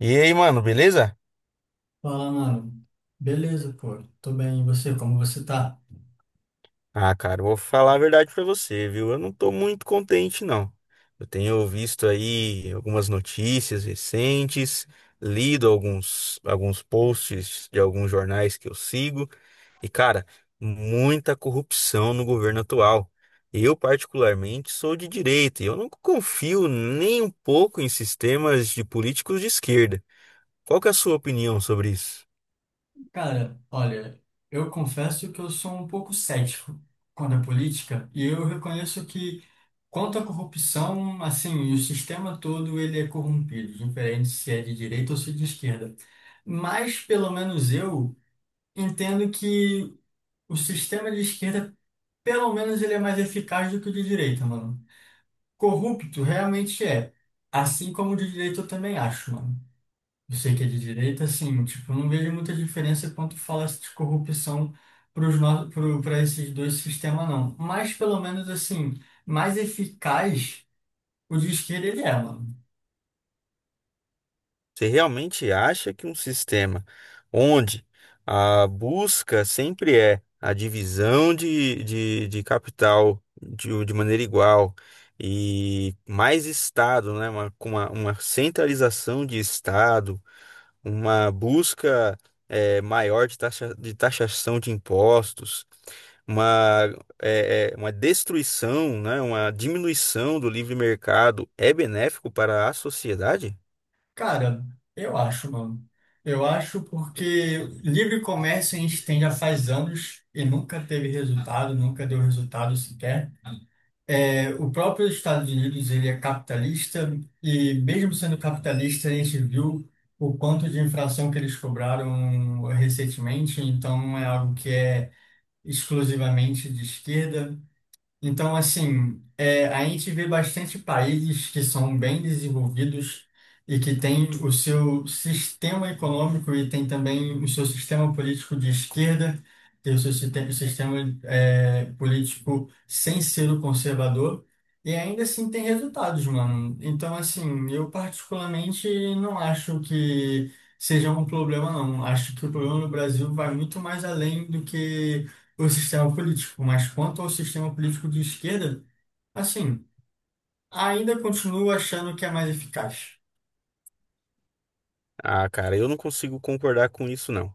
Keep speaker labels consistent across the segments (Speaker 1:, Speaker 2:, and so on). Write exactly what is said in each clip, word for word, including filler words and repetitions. Speaker 1: E aí, mano, beleza?
Speaker 2: Fala, mano. Beleza, pô. Tô bem. E você, como você tá?
Speaker 1: Ah, cara, eu vou falar a verdade pra você, viu? Eu não tô muito contente, não. Eu tenho visto aí algumas notícias recentes, lido alguns, alguns posts de alguns jornais que eu sigo, e, cara, muita corrupção no governo atual. Eu, particularmente, sou de direita e eu não confio nem um pouco em sistemas de políticos de esquerda. Qual que é a sua opinião sobre isso?
Speaker 2: Cara, olha, eu confesso que eu sou um pouco cético quanto à política e eu reconheço que, quanto à corrupção, assim, o sistema todo ele é corrompido, diferente se é de direita ou se é de esquerda. Mas, pelo menos eu entendo que o sistema de esquerda, pelo menos, ele é mais eficaz do que o de direita, mano. Corrupto realmente é. Assim como o de direita eu também acho, mano. Eu sei que é de direita, assim, tipo, eu não vejo muita diferença quanto fala de corrupção para esses dois sistemas, não. Mas, pelo menos, assim, mais eficaz o de esquerda ele é, mano.
Speaker 1: Você realmente acha que um sistema onde a busca sempre é a divisão de, de, de capital de, de maneira igual e mais Estado, né? Uma, com uma, uma centralização de Estado, uma busca eh, maior de taxa, de taxação de impostos, uma, eh, eh, uma destruição, né? Uma diminuição do livre mercado é benéfico para a sociedade?
Speaker 2: Cara, eu acho, mano. Eu acho porque livre comércio a gente tem já faz anos e nunca teve resultado, nunca deu resultado sequer. É, o próprio Estados Unidos ele é capitalista e mesmo sendo capitalista a gente viu o quanto de inflação que eles cobraram recentemente, então não é algo que é exclusivamente de esquerda. Então, assim, é, a gente vê bastante países que são bem desenvolvidos e que têm o seu sistema econômico e tem também o seu sistema político de esquerda, tem o seu sistema, o sistema é, político sem ser o conservador, e ainda assim tem resultados, mano. Então, assim, eu particularmente não acho que seja um problema, não. Acho que o problema no Brasil vai muito mais além do que o sistema político, mas quanto ao sistema político de esquerda, assim, ainda continuo achando que é mais eficaz.
Speaker 1: Ah, cara, eu não consigo concordar com isso, não.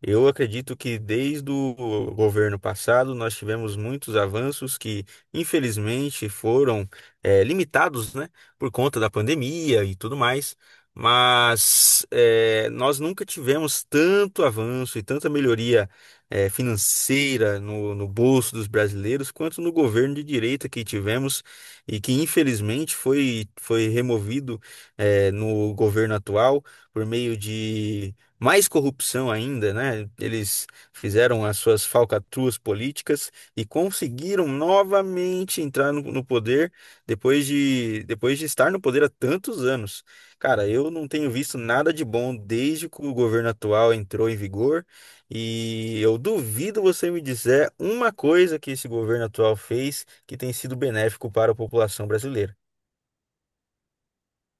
Speaker 1: Eu acredito que desde o governo passado nós tivemos muitos avanços que, infelizmente, foram eh, limitados, né, por conta da pandemia e tudo mais, mas eh, nós nunca tivemos tanto avanço e tanta melhoria eh, financeira no, no bolso dos brasileiros quanto no governo de direita que tivemos e que, infelizmente, foi, foi removido eh, no governo atual por meio de mais corrupção ainda, né? Eles fizeram as suas falcatruas políticas e conseguiram novamente entrar no, no poder depois de, depois de estar no poder há tantos anos. Cara, eu não tenho visto nada de bom desde que o governo atual entrou em vigor e eu duvido você me dizer uma coisa que esse governo atual fez que tem sido benéfico para a população brasileira.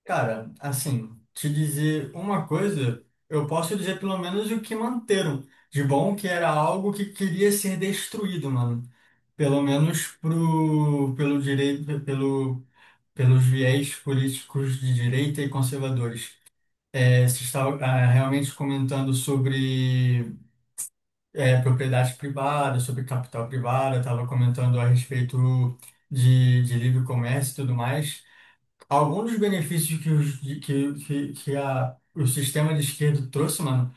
Speaker 2: Cara, assim, te dizer uma coisa, eu posso dizer pelo menos o que manteram de bom, que era algo que queria ser destruído, mano. Pelo menos pro, pelo direito, pelo, pelos viés políticos de direita e conservadores. É, você estava ah, realmente comentando sobre é, propriedade privada, sobre capital privado, estava comentando a respeito de, de livre comércio e tudo mais. Alguns dos benefícios que, os, de- que, que, que a, o sistema de esquerda trouxe, mano,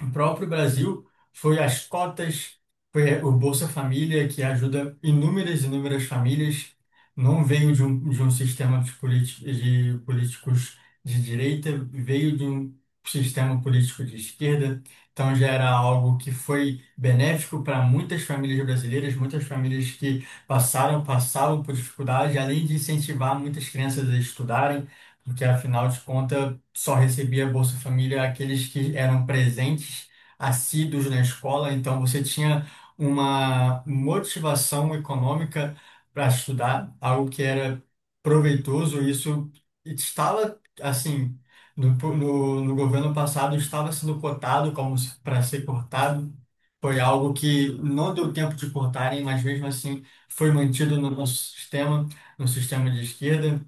Speaker 2: o próprio Brasil foi as cotas, foi o Bolsa Família, que ajuda inúmeras, e inúmeras famílias. Não veio de um, de um sistema de, politi- de políticos de direita, veio de um sistema político de esquerda. Então já era algo que foi benéfico para muitas famílias brasileiras, muitas famílias que passaram, passavam por dificuldade, além de incentivar muitas crianças a estudarem porque afinal de contas só recebia Bolsa Família aqueles que eram presentes, assíduos na escola, então você tinha uma motivação econômica para estudar, algo que era proveitoso, e isso estava assim. No, no, no governo passado estava sendo cotado como para ser cortado. Foi algo que não deu tempo de cortarem, mas mesmo assim foi mantido no nosso sistema, no sistema de esquerda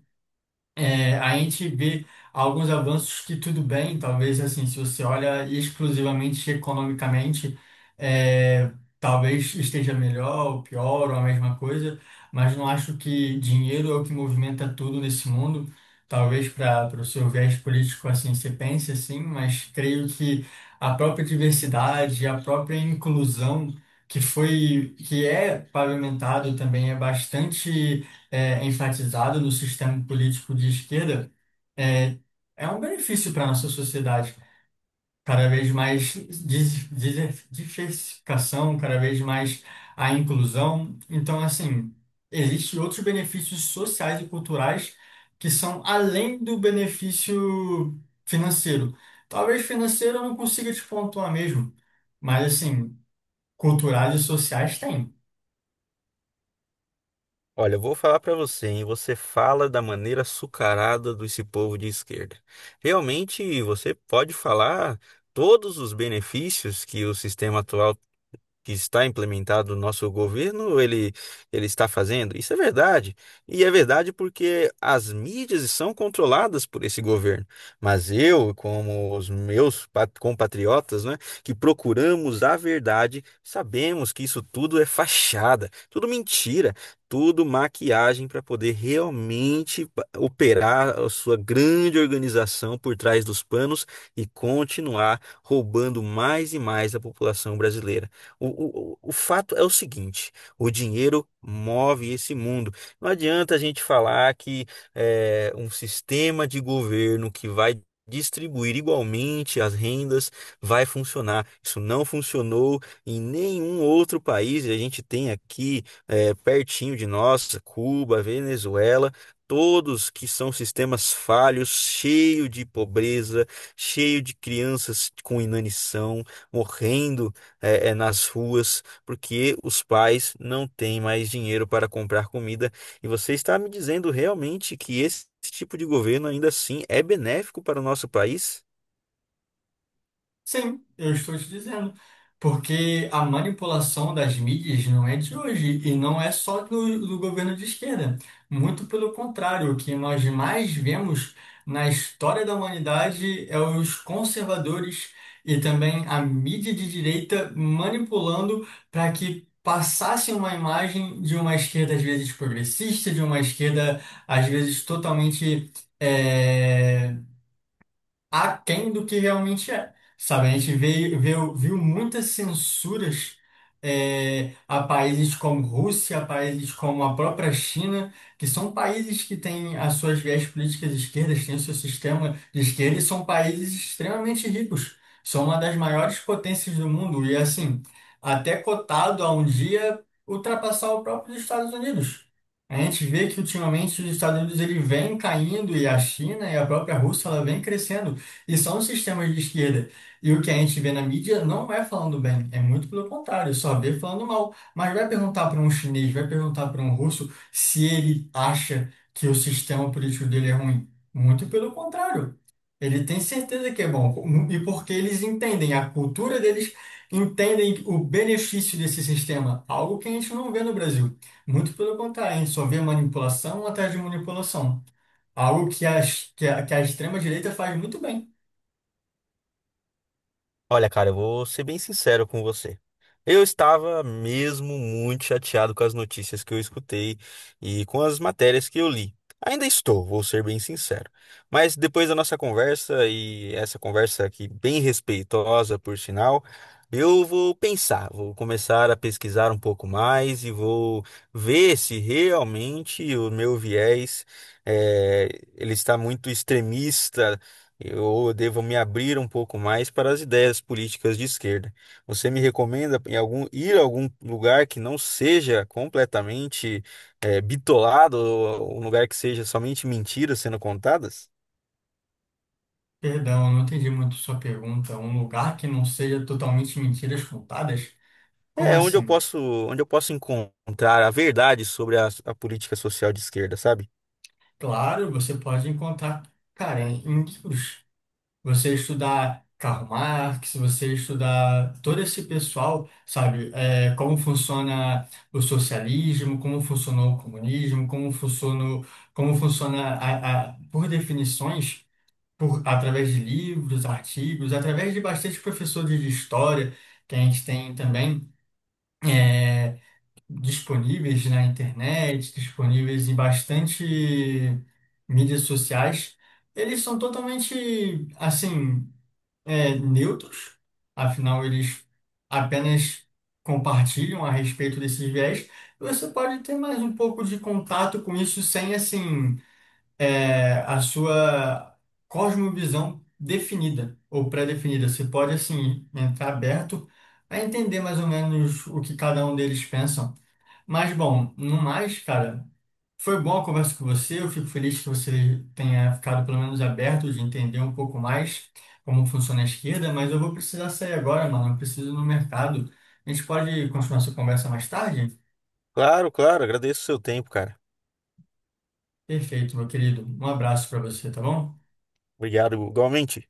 Speaker 2: é, a gente vê alguns avanços que tudo bem, talvez assim, se você olha exclusivamente economicamente, é, talvez esteja melhor ou pior ou a mesma coisa, mas não acho que dinheiro é o que movimenta tudo nesse mundo. Talvez para o seu viés político assim você pense assim, mas creio que a própria diversidade, a própria inclusão que foi que é pavimentado também é bastante é, enfatizado no sistema político de esquerda é, é um benefício para a nossa sociedade. Cada vez mais dis- dis- diversificação, cada vez mais a inclusão. Então, assim, existem outros benefícios sociais e culturais que são além do benefício financeiro. Talvez financeiro eu não consiga te pontuar mesmo, mas, assim, culturais e sociais tem.
Speaker 1: Olha, eu vou falar pra você, hein? Você fala da maneira açucarada desse povo de esquerda. Realmente, você pode falar todos os benefícios que o sistema atual que está implementado no nosso governo, ele, ele está fazendo? Isso é verdade. E é verdade porque as mídias são controladas por esse governo. Mas eu, como os meus pat- compatriotas, né, que procuramos a verdade, sabemos que isso tudo é fachada, tudo mentira, tudo maquiagem para poder realmente pa- operar a sua grande organização por trás dos panos e continuar roubando mais e mais a população brasileira. O, o, o fato é o seguinte: o dinheiro move esse mundo. Não adianta a gente falar que é um sistema de governo que vai distribuir igualmente as rendas vai funcionar. Isso não funcionou em nenhum outro país. E a gente tem aqui é, pertinho de nós, Cuba, Venezuela. Todos que são sistemas falhos, cheio de pobreza, cheio de crianças com inanição, morrendo é, é, nas ruas, porque os pais não têm mais dinheiro para comprar comida. E você está me dizendo realmente que esse tipo de governo ainda assim é benéfico para o nosso país?
Speaker 2: Sim, eu estou te dizendo. Porque a manipulação das mídias não é de hoje e não é só do, do governo de esquerda. Muito pelo contrário, o que nós mais vemos na história da humanidade é os conservadores e também a mídia de direita manipulando para que passasse uma imagem de uma esquerda às vezes progressista, de uma esquerda às vezes totalmente eh, aquém do que realmente é. Sabe, a gente veio, veio- viu muitas censuras é, a países como Rússia, a países como a própria China, que são países que têm as suas viés políticas de esquerdas, têm o seu sistema de esquerda e são países extremamente ricos. São uma das maiores potências do mundo e, assim, até cotado a um dia ultrapassar o próprio Estados Unidos. A gente vê que ultimamente os Estados Unidos ele vem caindo e a China e a própria Rússia ela vem crescendo. E só um sistema de esquerda. E o que a gente vê na mídia não é falando bem, é muito pelo contrário, só vê falando mal. Mas vai perguntar para um chinês, vai perguntar para um russo se ele acha que o sistema político dele é ruim. Muito pelo contrário. Ele tem certeza que é bom. E porque eles entendem, a cultura deles entendem o benefício desse sistema, algo que a gente não vê no Brasil. Muito pelo contrário, a gente só vê manipulação atrás de manipulação. Algo que a, que a, que a extrema-direita faz muito bem.
Speaker 1: Olha, cara, eu vou ser bem sincero com você. Eu estava mesmo muito chateado com as notícias que eu escutei e com as matérias que eu li. Ainda estou, vou ser bem sincero. Mas depois da nossa conversa, e essa conversa aqui bem respeitosa, por sinal, eu vou pensar, vou começar a pesquisar um pouco mais e vou ver se realmente o meu viés, eh, ele está muito extremista, eu devo me abrir um pouco mais para as ideias políticas de esquerda. Você me recomenda em algum, ir a algum lugar que não seja completamente eh, bitolado, ou um lugar que seja somente mentiras sendo contadas?
Speaker 2: Perdão, eu não entendi muito sua pergunta. Um lugar que não seja totalmente mentiras contadas? Como
Speaker 1: É, onde eu
Speaker 2: assim?
Speaker 1: posso, onde eu posso encontrar a verdade sobre a, a política social de esquerda, sabe?
Speaker 2: Claro, você pode encontrar, cara, em livros. Você estudar Karl Marx, você estudar todo esse pessoal, sabe? É, como funciona o socialismo, como funcionou o comunismo, como funcionou, como funciona a, a- por definições, por, através de livros, artigos, através de bastante professores de história que a gente tem também. É, disponíveis na internet, disponíveis em bastante mídias sociais, eles são totalmente, assim, é, neutros, afinal, eles apenas compartilham a respeito desses viés. E você pode ter mais um pouco de contato com isso sem, assim, é, a sua cosmovisão definida ou pré-definida. Você pode, assim, entrar aberto a entender mais ou menos o que cada um deles pensa. Mas bom, no mais, cara, foi boa a conversa com você. Eu fico feliz que você tenha ficado pelo menos aberto de entender um pouco mais como funciona a esquerda, mas eu vou precisar sair agora, mano. Eu preciso ir no mercado. A gente pode continuar essa conversa mais tarde?
Speaker 1: Claro, claro, agradeço o seu tempo, cara.
Speaker 2: Perfeito, meu querido. Um abraço para você, tá bom?
Speaker 1: Obrigado, igualmente.